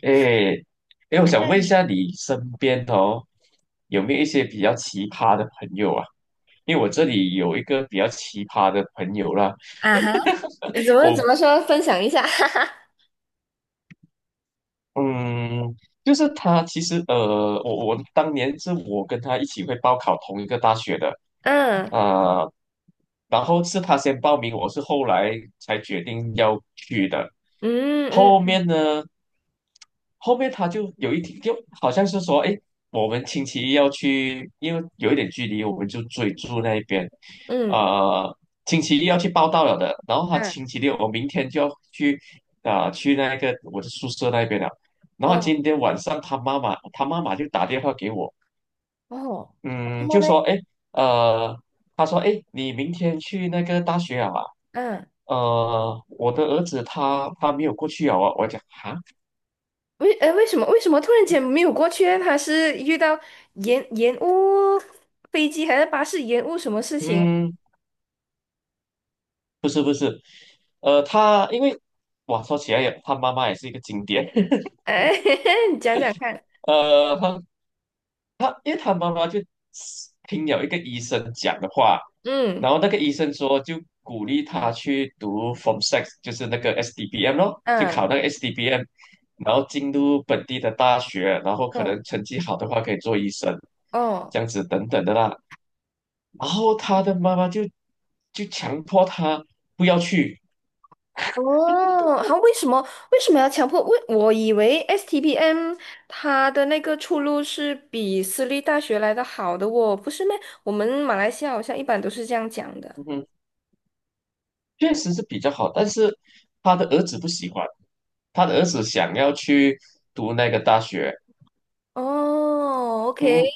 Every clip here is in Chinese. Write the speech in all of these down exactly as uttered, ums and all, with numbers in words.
诶，诶，我想问一下，你身边哦，有没有一些比较奇葩的朋友啊？因为我这里有一个比较奇葩的朋友啦。啊哈，怎么我怎么说？分享一下，哈哈。嗯，就是他其实呃，我我当年是我跟他一起会报考同一个大学的。嗯啊、然后是他先报名，我是后来才决定要去的。嗯嗯后面嗯呢，后面他就有一天就好像是说，哎，我们星期一要去。因为有一点距离，我们就追住那边，嗯，呃，星期一要去报到了的。然后他嗯。星期六，我明天就要去啊、去那个我的宿舍那边了。然后哦今天晚上他妈妈，他妈妈就打电话给我。哦，然嗯，么就嘞，说哎，诶呃，他说哎，诶你明天去那个大学啊？嗯，呃，我的儿子他他没有过去啊，我我讲啊。为呃为什么为什么突然间没有过去呢？他是遇到延延误飞机还是巴士延误什么事情？嗯，不是不是，呃，他因为哇，说起来也，他妈妈也是一个经典。哎，你讲讲看。呃，他他因为他妈妈就听了一个医生讲的话。嗯然后那个医生说就鼓励他去读 Form Six，就是那个 S D B M 咯，就嗯考那个 S D B M， 然后进入本地的大学。然后可嗯能成绩好的话可以做医生，哦这样子等等的啦。然后他的妈妈就就强迫他不要去。哦，好，为什么为什么要强迫？为我以为 S T P M 它的那个出路是比私立大学来的好的哦，不是咩？我们马来西亚好像一般都是这样讲的。嗯哼，确实是比较好，但是他的儿子不喜欢，他的儿子想要去读那个大学。哦，OK，嗯，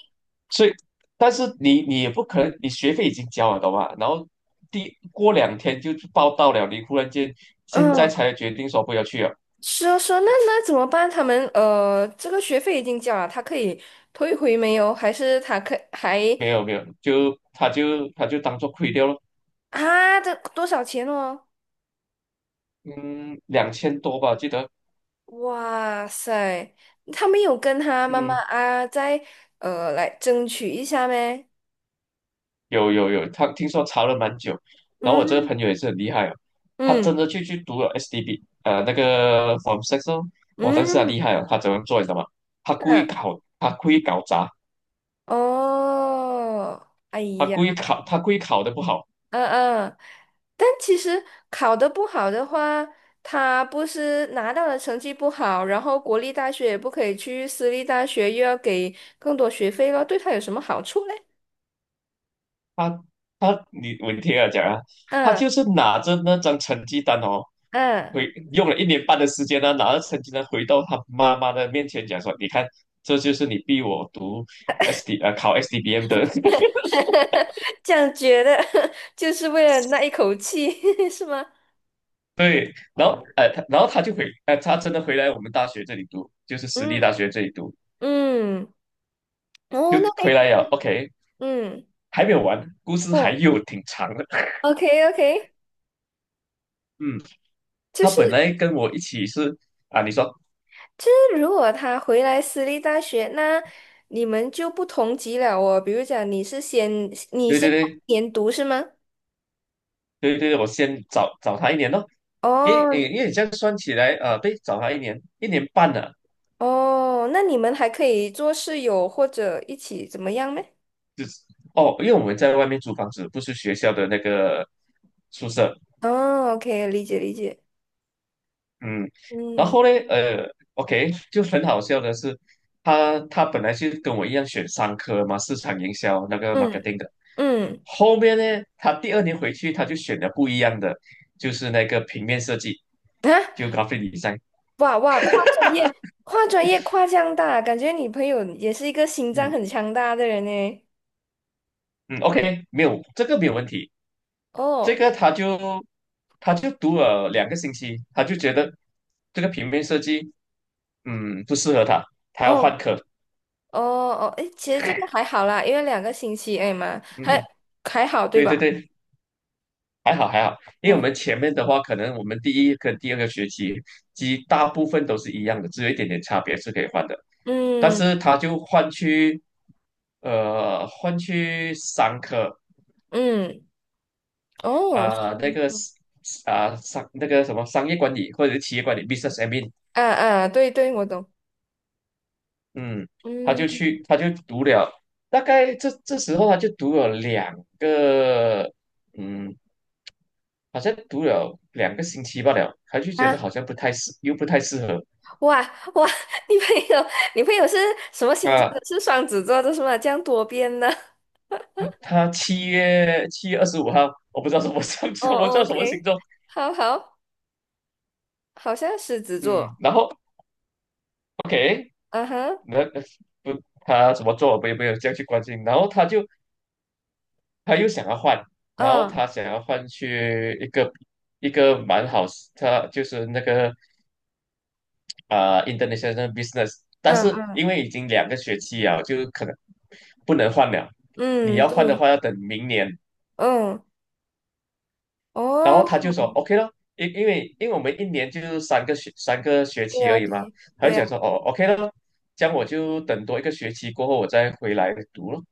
所以，但是你你也不可能，你学费已经交了，懂吗？然后第过两天就报到了，你忽然间现在嗯，才决定说不要去了。是啊，是啊，那那怎么办？他们呃，这个学费已经交了，他可以退回没有？还是他可还没有没有，就他就他就当做亏掉了。啊？这多少钱哦？嗯，两千多吧，记得。哇塞，他没有跟他妈妈嗯，啊，再呃来争取一下咩？有有有，他听说查了蛮久。然后我这嗯个朋友也是很厉害啊，他真嗯的就去读了 S D B，呃，那个 Form Six 哦。哇，但是他嗯，厉害啊。他怎么做你知道吗？他故意是考，他故意搞砸，哦，哎他呀，故意考，他故意考的不好。嗯嗯，但其实考得不好的话，他不是拿到了成绩不好，然后国立大学也不可以去，私立大学又要给更多学费了，对他有什么好处嘞？他他你我听他讲啊，他嗯就是拿着那张成绩单哦，嗯，回用了一年半的时间呢、拿着成绩单回到他妈妈的面前讲说，你看，这就是你逼我读 S D 呃考 S D B M 的。这样觉得 就是为了那一口气，是吗？对。然后呃他然后他就回呃他真的回来我们大学这里读，就是私立嗯大学这里读，嗯，哦，就那还回来了。OK，嗯还没有完，故事还哦有挺长的。，OK OK，嗯，就他本是。来跟我一起是。啊，你说，就是如果他回来私立大学，那你们就不同级了哦。比如讲，你是先你对先对对，研读是吗？对对，我先找找他一年咯。因为因为哦因为你这样算起来，呃，对，找他一年一年半了。哦，那你们还可以做室友或者一起怎么样呢？就是哦，因为我们在外面租房子，不是学校的那个宿舍。哦，OK，理解理解。嗯，然嗯后呢，呃，OK，就很好笑的是，他他本来是跟我一样选商科嘛，市场营销那个 嗯 marketing 的。嗯后面呢，他第二年回去他就选了不一样的，就是那个平面设计，啊，就 graphic design。哇哇，跨专业跨专业跨这样大，感觉你朋友也是一个心脏嗯很强大的人呢。嗯，OK，没有这个没有问题。这哦个他就他就读了两个星期，他就觉得这个平面设计，嗯，不适合他，他要换哦课。哦哦，诶，其实这个还好啦，因为两个星期哎嘛，嗯还哼，还好对对吧？对对，还好还好，因为我嗯们前面的话，可能我们第一跟第二个学期其实大部分都是一样的，只有一点点差别是可以换的。但嗯是他就换去呃换去商科，嗯，哦，啊、呃那辛个苦啊、商那个什么商业管理或者是企业管理 business admin。啊啊，对对，我懂。嗯，他就嗯去，他就读了，大概这这时候他就读了两个，嗯，好像读了两个星期罢了，他就觉得啊，好像不太适，又不太适合。哇哇，女朋友女朋友是什么星座啊，的？是双子座的是吗？这样多变的。他七月七月二十五号。我不知道什么星 哦什么哦叫什么星，OK，座。好好，好像狮子嗯，座。然后 OK，嗯哼，那那不他怎么做，我也没有这样去关心。然后他就他又想要换。然后嗯他想要换去一个一个蛮好。他就是那个啊、呃 international business，但嗯是嗯因为已经两个学期了，就可能不能换了。你嗯，要对，换的话，要等明年。嗯然哦，后他就说 OK 咯。因因为因为我们一年就是三个学三个学对期啊而已嘛。对。他就对讲啊说哦 OK 咯，这样我就等多一个学期过后我再回来读咯。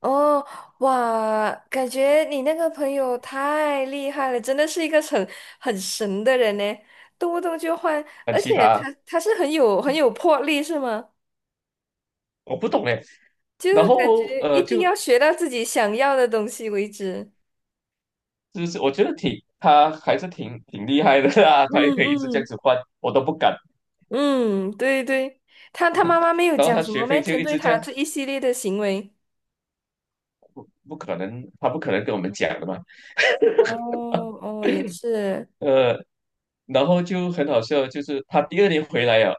哦，哇，感觉你那个朋友太厉害了，真的是一个很很神的人呢，动不动就换，很而奇葩且啊。他他是很有很有魄力，是吗？我不懂哎。就然是感后觉一呃定就要学到自己想要的东西为止。就是我觉得挺他还是挺挺厉害的啊。他也嗯可以一直这样嗯子换，我都不敢。嗯，对对，他他妈妈没有然后讲他什学么费没就针一对直这他样。这一系列的行为。不可能，他不可能跟我们讲的嘛。哦哦，也是，呃，然后就很好笑，就是他第二年回来呀，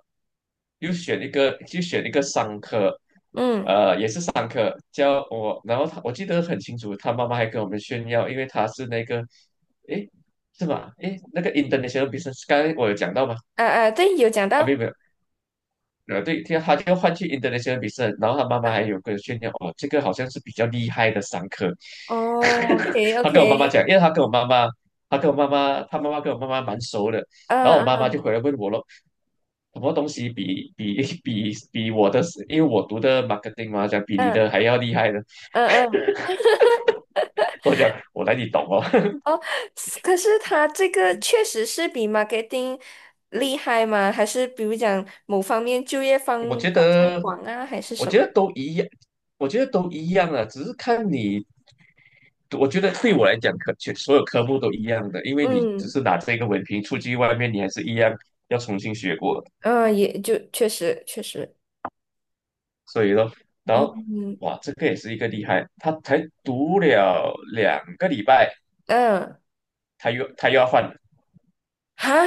又选一个，就选一个商科，嗯，商科教我。然后他我记得很清楚，他妈妈还跟我们炫耀，因为他是那个，诶，是吧？诶，那个 International Business，刚才我有讲到吗？啊啊，对，有讲啊，没有到，没有，呃，对，听他就换去 international 比赛，然后他妈妈啊，还有个炫耀，哦，这个好像是比较厉害的商科。哦 ，OK 他跟我妈妈 OK，讲，因为他跟我妈妈，他跟我妈妈，他妈妈跟我妈妈蛮熟的。然嗯后我妈妈嗯就回来问我咯，什么东西比比 比比我的，因为我读的 marketing 嘛，讲比你嗯的还要厉害呢。嗯嗯。我讲我哪里懂哦。哦，是可是他这个确实是比 marketing 厉害吗？还是比如讲某方面就业方 我觉方向得广啊，还是我什觉么？得都一样，我觉得都一样啊。只是看你我觉得对我来讲，科全所有科目都一样的，因为你只嗯是拿这个文凭出去外面，你还是一样要重新学过的。嗯，呃也就确实确实，所以说，然后嗯哇，这个也是一个厉害，他才读了两个礼拜，嗯，他又他又要换哈，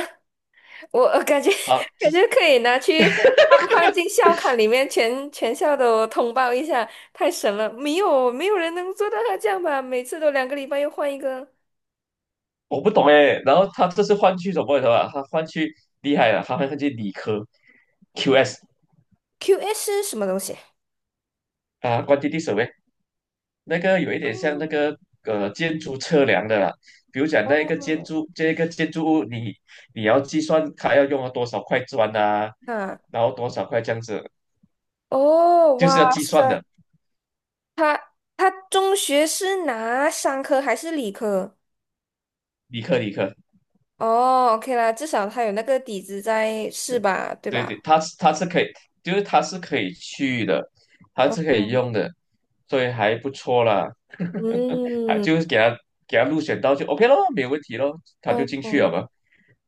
我我感觉 啊。感这是觉可以拿去放放进校刊里面，全全校都通报一下，太神了！没有没有人能做到他这样吧？每次都两个礼拜又换一个 我不懂哎。然后他这次换去什么？的啊？吧？他换去厉害了，他换去理科 Q S， Q S 什么东西？啊关 u a n t， 那个有一点像那哦，个呃建筑测量的啦。比如讲那一个建哦，筑这一个建筑物你，你要计算它要用了多少块砖啊，啊然后多少块这样子，哦，就哇是要计算塞，的。他他中学是拿商科还是理科？理科理科，哦，OK 啦，至少他有那个底子在，是吧？对对对，吧？它是它是可以，就是它是可以去的，它哦，是可以哦用的，所以还不错啦。还嗯，就是给他给他入选到就 OK 咯，没有问题咯，他就哦进去了哦嘛。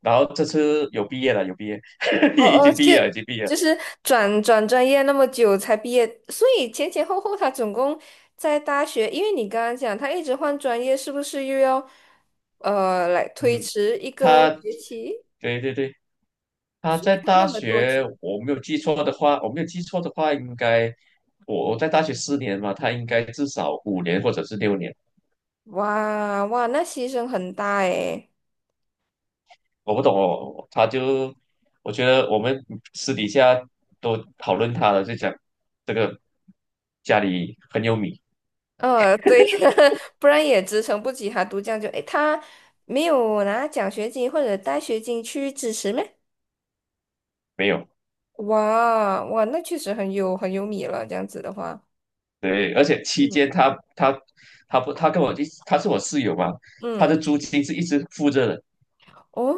然后这次有毕业了，有毕业。已哦哦，经毕就业了，已经毕业了。就是转转专业那么久才毕业，所以前前后后他总共在大学，因为你刚刚讲他一直换专业，是不是又要呃来推嗯，迟一个他，学期？对对对，他所在以他大用了多学，久？我没有记错的话，我没有记错的话，应该我我在大学四年嘛，他应该至少五年或者是六年。哇哇，那牺牲很大诶。我不懂哦，他就，我觉得我们私底下都讨论他了，就讲这个家里很有米。呃，对，不然也支撑不起他读这样就，诶，他没有拿奖学金或者带学金去支持咩？没有，哇哇，那确实很有很有米了，这样子的话，对。而且期间嗯，他他他不他跟我一他是我室友嘛。他嗯，的租金是一直付着的，哦，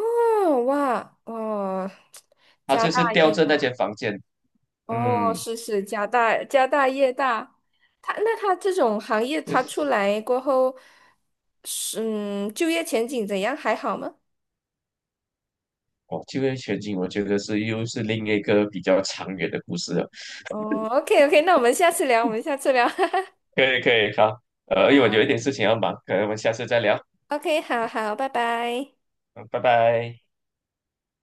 哇哦，他家就大是吊业着那大，间房间。哦，嗯。是是家大家大业大，他那他这种行业对。他出来过后，是嗯，就业前景怎样？还好吗？哦，就业前景，我觉得是又是另一个比较长远的故事了。哦，OK OK，那我们下次聊，我们下次聊。可以，可以，好，呃，因为我有一点事情要忙，可能我们下次再聊。OK，好好，拜拜。嗯，拜拜。